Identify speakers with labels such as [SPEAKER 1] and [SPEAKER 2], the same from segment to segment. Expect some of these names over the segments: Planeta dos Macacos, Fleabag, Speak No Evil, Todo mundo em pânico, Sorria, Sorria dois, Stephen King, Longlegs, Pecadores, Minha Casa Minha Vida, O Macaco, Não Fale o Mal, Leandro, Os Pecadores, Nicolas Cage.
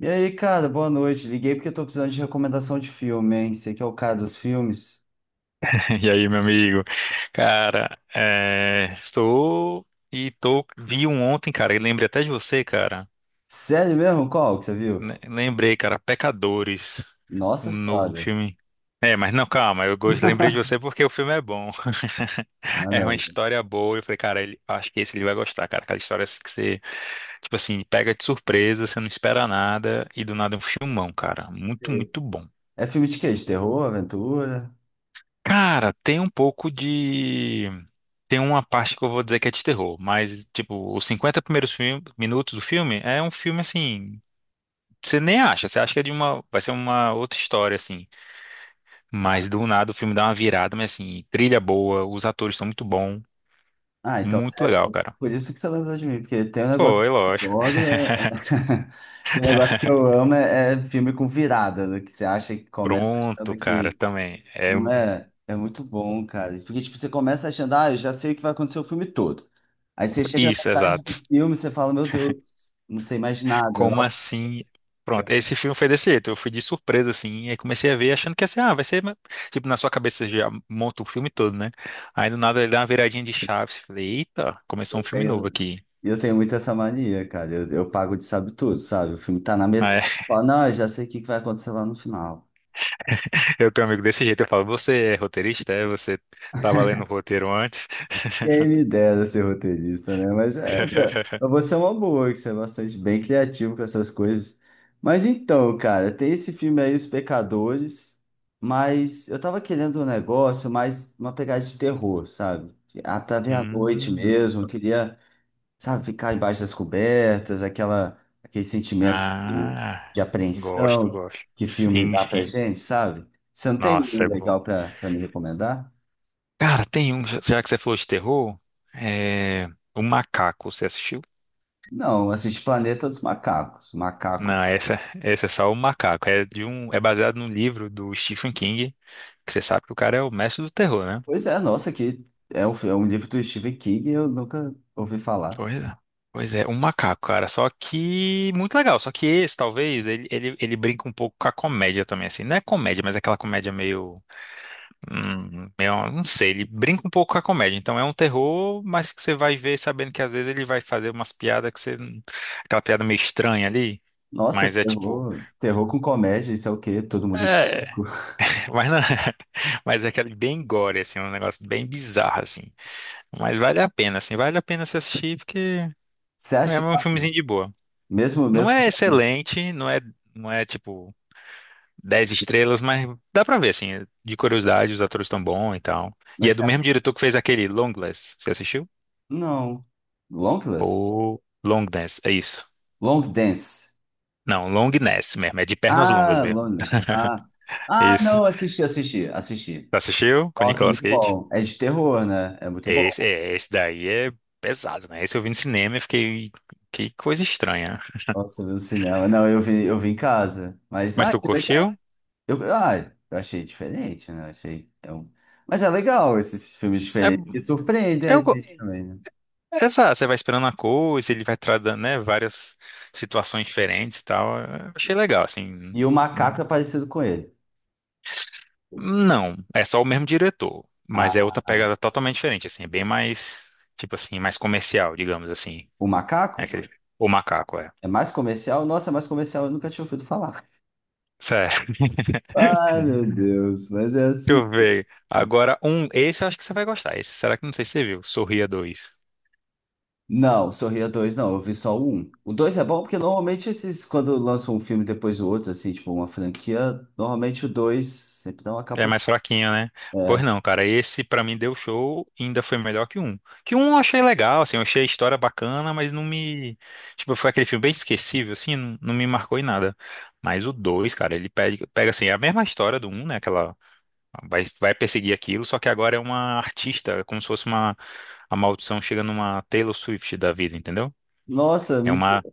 [SPEAKER 1] E aí, cara, boa noite. Liguei porque eu tô precisando de recomendação de filme, hein? Você que é o cara dos filmes.
[SPEAKER 2] E aí, meu amigo? Cara, estou e tô vi um ontem, cara, e lembrei até de você, cara.
[SPEAKER 1] Sério mesmo? Qual que você viu?
[SPEAKER 2] Lembrei, cara, Pecadores, um
[SPEAKER 1] Nossa
[SPEAKER 2] novo
[SPEAKER 1] Senhora.
[SPEAKER 2] filme. É, mas não, calma, lembrei de você porque o filme é bom.
[SPEAKER 1] Ah,
[SPEAKER 2] É
[SPEAKER 1] não.
[SPEAKER 2] uma
[SPEAKER 1] Eu não
[SPEAKER 2] história boa. Eu falei, cara, ele, acho que esse ele vai gostar, cara. Aquela história assim que você, tipo assim, pega de surpresa, você não espera nada e do nada é um filmão, cara. Muito,
[SPEAKER 1] sei.
[SPEAKER 2] muito bom.
[SPEAKER 1] É filme de quê? De terror, aventura?
[SPEAKER 2] Cara, tem um pouco de. Tem uma parte que eu vou dizer que é de terror, mas, tipo, os 50 primeiros minutos do filme é um filme assim. Você nem acha, você acha que é de uma. Vai ser uma outra história, assim.
[SPEAKER 1] Ah,
[SPEAKER 2] Mas do nada o filme dá uma virada, mas assim, trilha boa, os atores são muito bons.
[SPEAKER 1] ah, então você-
[SPEAKER 2] Muito
[SPEAKER 1] é
[SPEAKER 2] legal, cara.
[SPEAKER 1] por isso que você lembrou de mim, porque tem um negócio
[SPEAKER 2] Foi,
[SPEAKER 1] que
[SPEAKER 2] lógico.
[SPEAKER 1] eu adoro, é... tem um negócio que eu amo, é filme com virada, né? Que você acha que começa
[SPEAKER 2] Pronto,
[SPEAKER 1] achando
[SPEAKER 2] cara,
[SPEAKER 1] que
[SPEAKER 2] também.
[SPEAKER 1] Não é? É muito bom, cara. Porque, tipo, você começa achando, ah, eu já sei o que vai acontecer o filme todo. Aí você chega na
[SPEAKER 2] Isso,
[SPEAKER 1] metade do
[SPEAKER 2] exato.
[SPEAKER 1] filme e você fala, meu Deus, não sei mais nada.
[SPEAKER 2] Como
[SPEAKER 1] Nossa,
[SPEAKER 2] assim?
[SPEAKER 1] eu,
[SPEAKER 2] Pronto, esse filme foi desse jeito. Eu fui de surpresa, assim, e aí comecei a ver achando que ia ser, ah, vai ser. Tipo, na sua cabeça você já monta o filme todo, né? Aí do nada ele dá uma viradinha de chaves. Falei, eita, começou um
[SPEAKER 1] eu
[SPEAKER 2] filme novo
[SPEAKER 1] tenho,
[SPEAKER 2] aqui.
[SPEAKER 1] eu tenho muito essa mania, cara. Eu pago de sabe tudo, sabe? O filme tá na metade.
[SPEAKER 2] Aí
[SPEAKER 1] Eu falo, não, eu já sei o que que vai acontecer lá no final.
[SPEAKER 2] eu tenho um amigo desse jeito. Eu falo, você é roteirista? É? Você tava lendo o roteiro antes?
[SPEAKER 1] Quem me dera ser roteirista, né? Mas é, pra você é uma boa, que você é bastante bem criativo com essas coisas. Mas então, cara, tem esse filme aí, Os Pecadores, mas eu tava querendo um negócio mais uma pegada de terror, sabe? Ah, pra ver à noite
[SPEAKER 2] Hum,
[SPEAKER 1] mesmo, eu queria, sabe, ficar embaixo das cobertas, aquela, aquele sentimento
[SPEAKER 2] ah,
[SPEAKER 1] de
[SPEAKER 2] gosto,
[SPEAKER 1] apreensão
[SPEAKER 2] gosto.
[SPEAKER 1] que filme
[SPEAKER 2] Sim,
[SPEAKER 1] dá pra
[SPEAKER 2] sim.
[SPEAKER 1] gente, sabe? Você não tem nenhum
[SPEAKER 2] Nossa, é bom.
[SPEAKER 1] legal pra me recomendar?
[SPEAKER 2] Cara, tem um, já que você falou de terror, é. O Macaco, você assistiu?
[SPEAKER 1] Não, assisti Planeta dos Macacos. Macaco.
[SPEAKER 2] Não, essa é só o macaco. É de um, é baseado num livro do Stephen King, que você sabe que o cara é o mestre do terror, né?
[SPEAKER 1] Pois é, nossa, que é um livro do Stephen King eu nunca ouvi falar.
[SPEAKER 2] Pois é. Pois é, um macaco, cara. Só que muito legal. Só que esse, talvez, ele brinca um pouco com a comédia também, assim. Não é comédia, mas é aquela comédia meio, meio, não sei. Ele brinca um pouco com a comédia. Então é um terror, mas que você vai ver sabendo que às vezes ele vai fazer umas piadas que você, aquela piada meio estranha ali.
[SPEAKER 1] Nossa,
[SPEAKER 2] Mas é tipo,
[SPEAKER 1] terror, terror com comédia, isso é o quê? Todo mundo em
[SPEAKER 2] é,
[SPEAKER 1] pânico.
[SPEAKER 2] mas, não, mas é aquele bem gore, assim, um negócio bem bizarro, assim. Mas vale a pena, assim, vale a pena se assistir, porque
[SPEAKER 1] Você
[SPEAKER 2] é
[SPEAKER 1] acha que
[SPEAKER 2] um
[SPEAKER 1] vale?
[SPEAKER 2] filmezinho de boa.
[SPEAKER 1] Mesmo,
[SPEAKER 2] Não
[SPEAKER 1] mesmo,
[SPEAKER 2] é excelente, não é, não é tipo 10 estrelas, mas dá pra ver, assim, de curiosidade, os atores estão bons e tal. E é
[SPEAKER 1] mas
[SPEAKER 2] do
[SPEAKER 1] você acha-
[SPEAKER 2] mesmo diretor que fez aquele Longlegs, você assistiu?
[SPEAKER 1] não. Longless?
[SPEAKER 2] Ou Longness, é isso.
[SPEAKER 1] Long Dance.
[SPEAKER 2] Não, Longness mesmo, é de pernas longas
[SPEAKER 1] Ah,
[SPEAKER 2] mesmo.
[SPEAKER 1] Loneliness. Ah,
[SPEAKER 2] Isso.
[SPEAKER 1] não, assisti.
[SPEAKER 2] Assistiu? Com
[SPEAKER 1] Nossa,
[SPEAKER 2] Nicolas
[SPEAKER 1] muito
[SPEAKER 2] Cage?
[SPEAKER 1] bom. É de terror, né? É muito
[SPEAKER 2] Esse,
[SPEAKER 1] bom.
[SPEAKER 2] é, esse daí é pesado, né? Esse eu vi no cinema e fiquei. Que coisa estranha.
[SPEAKER 1] Nossa, eu vi no cinema. Não, eu vi em casa. Mas,
[SPEAKER 2] Mas
[SPEAKER 1] ah,
[SPEAKER 2] tu
[SPEAKER 1] que legal.
[SPEAKER 2] curtiu?
[SPEAKER 1] Eu, ah, eu achei diferente, né? Eu achei, é um- Mas é legal esses filmes
[SPEAKER 2] É,
[SPEAKER 1] diferentes que surpreendem a
[SPEAKER 2] eu,
[SPEAKER 1] gente também, né?
[SPEAKER 2] essa, você vai esperando a coisa, ele vai tratando, né, várias situações diferentes e tal. Eu achei legal, assim.
[SPEAKER 1] E o
[SPEAKER 2] Hum,
[SPEAKER 1] macaco é parecido com ele.
[SPEAKER 2] Não, é só o mesmo diretor, mas é
[SPEAKER 1] Ah,
[SPEAKER 2] outra pegada totalmente diferente, assim, é bem mais, tipo assim, mais comercial, digamos assim.
[SPEAKER 1] o
[SPEAKER 2] É
[SPEAKER 1] macaco
[SPEAKER 2] aquele, o macaco, é.
[SPEAKER 1] é mais comercial? Nossa, é mais comercial, eu nunca tinha ouvido falar.
[SPEAKER 2] Sério.
[SPEAKER 1] Ai, meu Deus, mas é
[SPEAKER 2] Deixa
[SPEAKER 1] assim.
[SPEAKER 2] eu ver.
[SPEAKER 1] Né?
[SPEAKER 2] Agora, um, esse eu acho que você vai gostar. Esse, será que não sei se você viu? Sorria dois.
[SPEAKER 1] Não, Sorria dois não, eu vi só o 1. O 2 é bom porque normalmente esses, quando lançam um filme depois do outro, assim, tipo uma franquia, normalmente o 2 sempre dá uma
[SPEAKER 2] É
[SPEAKER 1] capotada.
[SPEAKER 2] mais fraquinho, né? Pois
[SPEAKER 1] É.
[SPEAKER 2] não, cara, esse pra mim deu show e ainda foi melhor que um. Que um eu achei legal, assim, eu achei a história bacana, mas não me. Tipo, foi aquele filme bem esquecível, assim, não, não me marcou em nada. Mas o dois, cara, ele pega, pega assim, é a mesma história do um, né? Aquela. Vai perseguir aquilo, só que agora é uma artista, é como se fosse uma. A maldição chega numa Taylor Swift da vida, entendeu?
[SPEAKER 1] Nossa,
[SPEAKER 2] É
[SPEAKER 1] me
[SPEAKER 2] uma.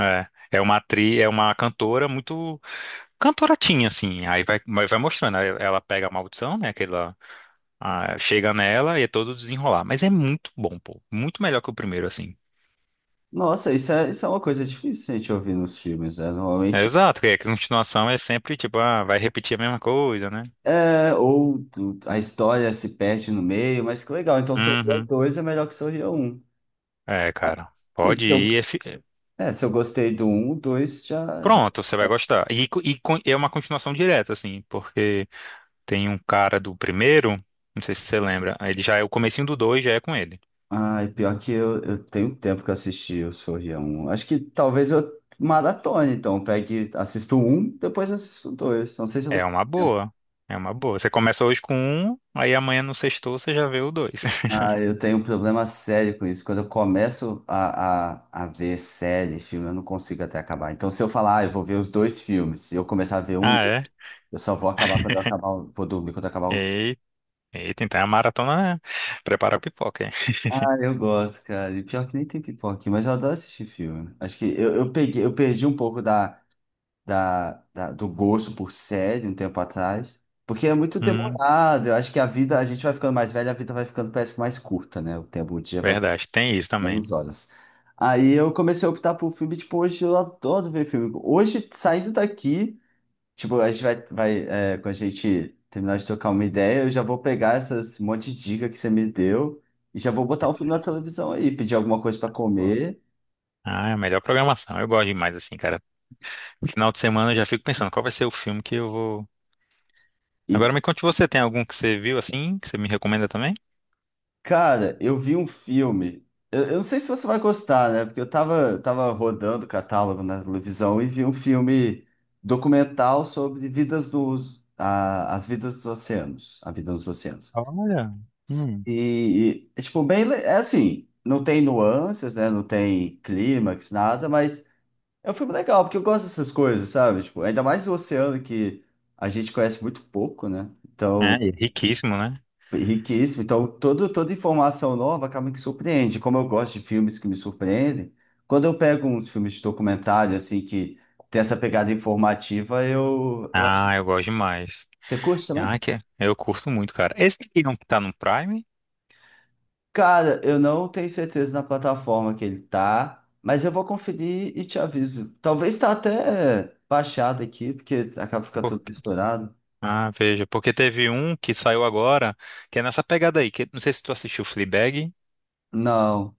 [SPEAKER 2] É, é uma atriz, é uma cantora muito. Cantoratinha, assim. Aí vai, vai mostrando, aí ela pega a maldição, né? Aquela ah, chega nela e é todo desenrolar. Mas é muito bom, pô. Muito melhor que o primeiro, assim.
[SPEAKER 1] Nossa, isso é uma coisa difícil a gente ouvir nos filmes, né?
[SPEAKER 2] É
[SPEAKER 1] Normalmente
[SPEAKER 2] exato, que a continuação é sempre tipo, ah, vai repetir a mesma coisa, né?
[SPEAKER 1] é, ou tu- a história se perde no meio, mas que legal. Então, Sorria
[SPEAKER 2] Uhum.
[SPEAKER 1] dois é melhor que Sorria um.
[SPEAKER 2] É,
[SPEAKER 1] Ah,
[SPEAKER 2] cara.
[SPEAKER 1] E se
[SPEAKER 2] Pode ir.
[SPEAKER 1] eu, é, se eu gostei do um o 2 já, já.
[SPEAKER 2] Pronto, você vai gostar. E, é uma continuação direta, assim, porque tem um cara do primeiro, não sei se você lembra, ele já é o comecinho do dois, já é com ele.
[SPEAKER 1] Ai, pior que eu tenho tempo que eu assisti o Sorria um. Acho que talvez eu maratone, então. Pegue, assisto um depois assisto o 2. Não sei se eu vou
[SPEAKER 2] É uma boa. É uma boa. Você começa hoje com um, aí amanhã no sexto você já vê o dois.
[SPEAKER 1] Ah, eu tenho um problema sério com isso. Quando eu começo a ver série, filme, eu não consigo até acabar. Então, se eu falar, ah, eu vou ver os dois filmes, se eu começar a ver um,
[SPEAKER 2] Ah, é?
[SPEAKER 1] eu só vou acabar quando eu acabar, o- vou dormir quando eu acabar um.
[SPEAKER 2] Eita, eita, então é a maratona. Né? Prepara a pipoca.
[SPEAKER 1] Ah, eu gosto, cara. E pior que nem tem pipoca aqui, mas eu adoro assistir filme. Acho que eu perdi um pouco da do gosto por série um tempo atrás, porque é muito
[SPEAKER 2] Hum,
[SPEAKER 1] demorado. Eu acho que a vida, a gente vai ficando mais velho, a vida vai ficando, parece mais curta, né? O tempo, o dia vai
[SPEAKER 2] verdade, tem isso também.
[SPEAKER 1] 11 horas. Aí eu comecei a optar por filme, tipo, hoje eu adoro ver filme. Hoje, saindo daqui, tipo, vai é, quando a gente terminar de trocar uma ideia, eu já vou pegar essas um monte de dica que você me deu e já vou botar um filme na televisão aí, pedir alguma coisa pra
[SPEAKER 2] Boa.
[SPEAKER 1] comer.
[SPEAKER 2] Ah, é a melhor programação. Eu gosto demais, assim, cara. Final de semana eu já fico pensando qual vai ser o filme que eu vou.
[SPEAKER 1] E,
[SPEAKER 2] Agora me conte você, tem algum que você viu assim, que você me recomenda também?
[SPEAKER 1] cara, eu vi um filme, eu não sei se você vai gostar, né? Porque eu tava rodando o catálogo na televisão e vi um filme documental sobre as vidas dos oceanos, a vida nos oceanos.
[SPEAKER 2] Olha. Hum.
[SPEAKER 1] E, é tipo, bem, é assim, não tem nuances, né? Não tem clímax, nada, mas é um filme legal, porque eu gosto dessas coisas, sabe? Tipo, ainda mais o oceano que a gente conhece muito pouco, né?
[SPEAKER 2] É, e é
[SPEAKER 1] Então,
[SPEAKER 2] riquíssimo, né?
[SPEAKER 1] é riquíssimo. Então, toda informação nova acaba que surpreende. Como eu gosto de filmes que me surpreendem, quando eu pego uns filmes de documentário, assim, que tem essa pegada informativa, eu...
[SPEAKER 2] Ah, eu gosto demais.
[SPEAKER 1] Você curte
[SPEAKER 2] Ah,
[SPEAKER 1] também?
[SPEAKER 2] que eu curto muito, cara. Esse aqui não tá no Prime?
[SPEAKER 1] Cara, eu não tenho certeza na plataforma que ele tá, mas eu vou conferir e te aviso. Talvez tá até baixado aqui, porque acaba ficando tudo
[SPEAKER 2] Porque...
[SPEAKER 1] misturado.
[SPEAKER 2] ah, veja, porque teve um que saiu agora, que é nessa pegada aí, que não sei se tu assistiu Fleabag.
[SPEAKER 1] Não,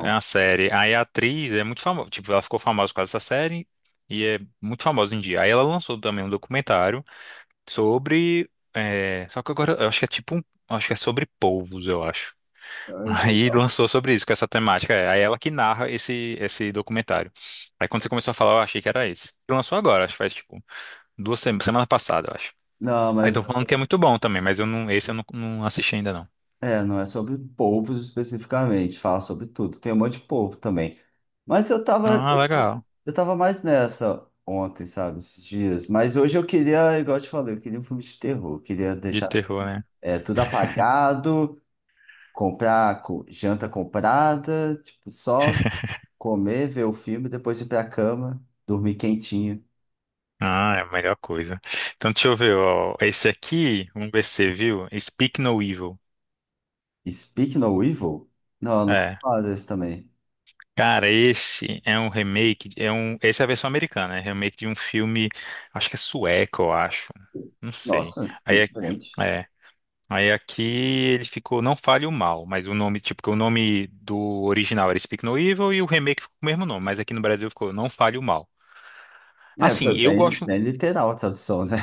[SPEAKER 2] É uma série. Aí a atriz é muito famosa. Tipo, ela ficou famosa por causa dessa série e é muito famosa em dia. Aí ela lançou também um documentário sobre. É, só que agora eu acho que é tipo um. Acho que é sobre povos, eu acho. Aí lançou sobre isso, com essa temática. É. Aí ela que narra esse, esse documentário. Aí quando você começou a falar, eu achei que era esse. Lançou agora, acho que faz tipo 2 semanas, semana passada, eu acho.
[SPEAKER 1] Não,
[SPEAKER 2] Aí
[SPEAKER 1] mas
[SPEAKER 2] estão falando que é muito bom também, mas eu não, esse eu não, não assisti ainda não.
[SPEAKER 1] é, não é sobre povos especificamente, fala sobre tudo. Tem um monte de povo também. Mas eu tava,
[SPEAKER 2] Ah,
[SPEAKER 1] eu tava
[SPEAKER 2] legal.
[SPEAKER 1] eu tava mais nessa ontem, sabe, esses dias. Mas hoje eu queria, igual eu te falei, eu queria um filme de terror. Eu queria
[SPEAKER 2] De
[SPEAKER 1] deixar
[SPEAKER 2] terror, né?
[SPEAKER 1] é, tudo apagado, comprar co- janta comprada, tipo, só comer, ver o filme, depois ir pra cama, dormir quentinho.
[SPEAKER 2] Ah, é a melhor coisa. Então, deixa eu ver, ó. Esse aqui, vamos ver se você viu. Speak No Evil.
[SPEAKER 1] Speak No Evil? Não, eu nunca ouvi
[SPEAKER 2] É.
[SPEAKER 1] falar desse também.
[SPEAKER 2] Cara, esse é um remake. É um, essa é a versão americana, é remake de um filme, acho que é sueco, eu acho. Não sei.
[SPEAKER 1] Nossa, que
[SPEAKER 2] Aí, é,
[SPEAKER 1] diferente.
[SPEAKER 2] é. aí aqui ele ficou Não Fale o Mal, mas o nome, tipo, que o nome do original era Speak No Evil e o remake ficou com o mesmo nome, mas aqui no Brasil ficou Não Fale o Mal.
[SPEAKER 1] É,
[SPEAKER 2] Assim,
[SPEAKER 1] foi
[SPEAKER 2] eu gosto.
[SPEAKER 1] bem literal a tradução, né?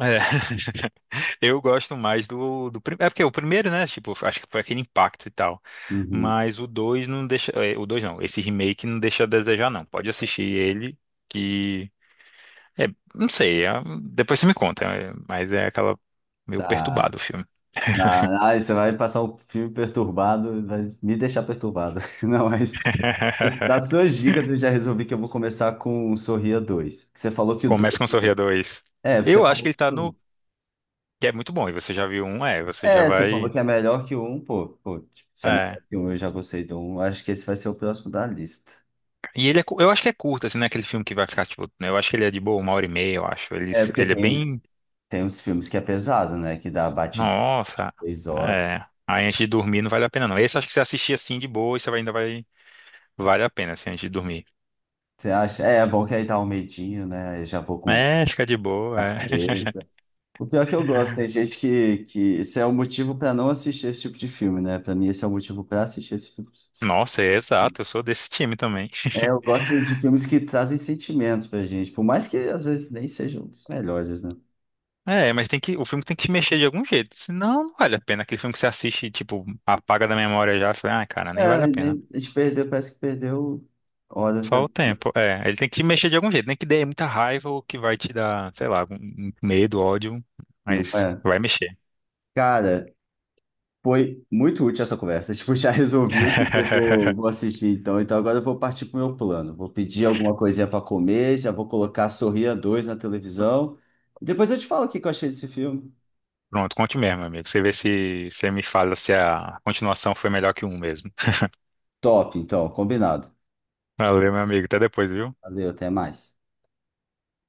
[SPEAKER 2] É. Eu gosto mais do primeiro. É porque o primeiro, né? Tipo, acho que foi aquele impacto e tal.
[SPEAKER 1] Uhum,
[SPEAKER 2] Mas o 2 não deixa. É, o 2 não. Esse remake não deixa a desejar, não. Pode assistir ele, que. É, não sei. Depois você me conta. É, mas é aquela. Meio
[SPEAKER 1] tá.
[SPEAKER 2] perturbado o filme.
[SPEAKER 1] Ah, aí você vai passar um filme perturbado, vai me deixar perturbado. Não, mas das suas dicas eu já resolvi que eu vou começar com o Sorria dois. Que você falou que o
[SPEAKER 2] Começa
[SPEAKER 1] 2
[SPEAKER 2] com Sorria 2.
[SPEAKER 1] É, porque você
[SPEAKER 2] Eu acho que
[SPEAKER 1] falou.
[SPEAKER 2] ele tá no. Que é muito bom. E você já viu um, é. Você já
[SPEAKER 1] É, você falou
[SPEAKER 2] vai.
[SPEAKER 1] que é melhor que um, pô. Pô, tipo, se é melhor
[SPEAKER 2] É.
[SPEAKER 1] que um, eu já gostei do um. Acho que esse vai ser o próximo da lista.
[SPEAKER 2] E ele é. Eu acho que é curto, assim, né? Aquele filme que vai ficar, tipo. Né, eu acho que ele é de boa, 1 hora e meia, eu acho. Ele,
[SPEAKER 1] É,
[SPEAKER 2] ele é bem.
[SPEAKER 1] tem uns filmes que é pesado, né? Que dá bate
[SPEAKER 2] Nossa,
[SPEAKER 1] 3 horas.
[SPEAKER 2] é. Aí antes de dormir não vale a pena não. Esse acho que você assistir assim de boa e você ainda vai. Vale a pena assim antes de dormir.
[SPEAKER 1] Você acha? É, é bom que aí dá um medinho, né? Eu já vou com
[SPEAKER 2] É, fica de boa,
[SPEAKER 1] a
[SPEAKER 2] é.
[SPEAKER 1] cabeça. O pior é que eu gosto, tem gente que esse é o motivo pra não assistir esse tipo de filme, né? Pra mim, esse é o motivo pra assistir esse filme.
[SPEAKER 2] Nossa, é exato, eu sou desse time também.
[SPEAKER 1] É, eu gosto de filmes que trazem sentimentos pra gente, por mais que às vezes nem sejam os melhores, né?
[SPEAKER 2] É, mas tem que, o filme tem que te mexer de algum jeito, senão não vale a pena. Aquele filme que você assiste, tipo, apaga da memória já, fala, ah, cara,
[SPEAKER 1] É,
[SPEAKER 2] nem
[SPEAKER 1] a
[SPEAKER 2] vale a pena.
[SPEAKER 1] gente perdeu, parece que perdeu horas da.
[SPEAKER 2] Só o tempo, é. Ele tem que te mexer de algum jeito, nem que dê muita raiva ou que vai te dar, sei lá, algum medo, ódio,
[SPEAKER 1] Não
[SPEAKER 2] mas
[SPEAKER 1] é?
[SPEAKER 2] vai mexer.
[SPEAKER 1] Cara, foi muito útil essa conversa. Tipo, já resolvi o que eu vou assistir então. Então agora eu vou partir pro meu plano. Vou pedir alguma coisinha para comer, já vou colocar Sorria dois na televisão. E depois eu te falo o que que eu achei desse filme.
[SPEAKER 2] Pronto, conte mesmo, meu amigo. Você vê se você me fala se a continuação foi melhor que um mesmo.
[SPEAKER 1] Top, então, combinado.
[SPEAKER 2] Valeu, meu amigo. Até depois, viu?
[SPEAKER 1] Valeu, até mais.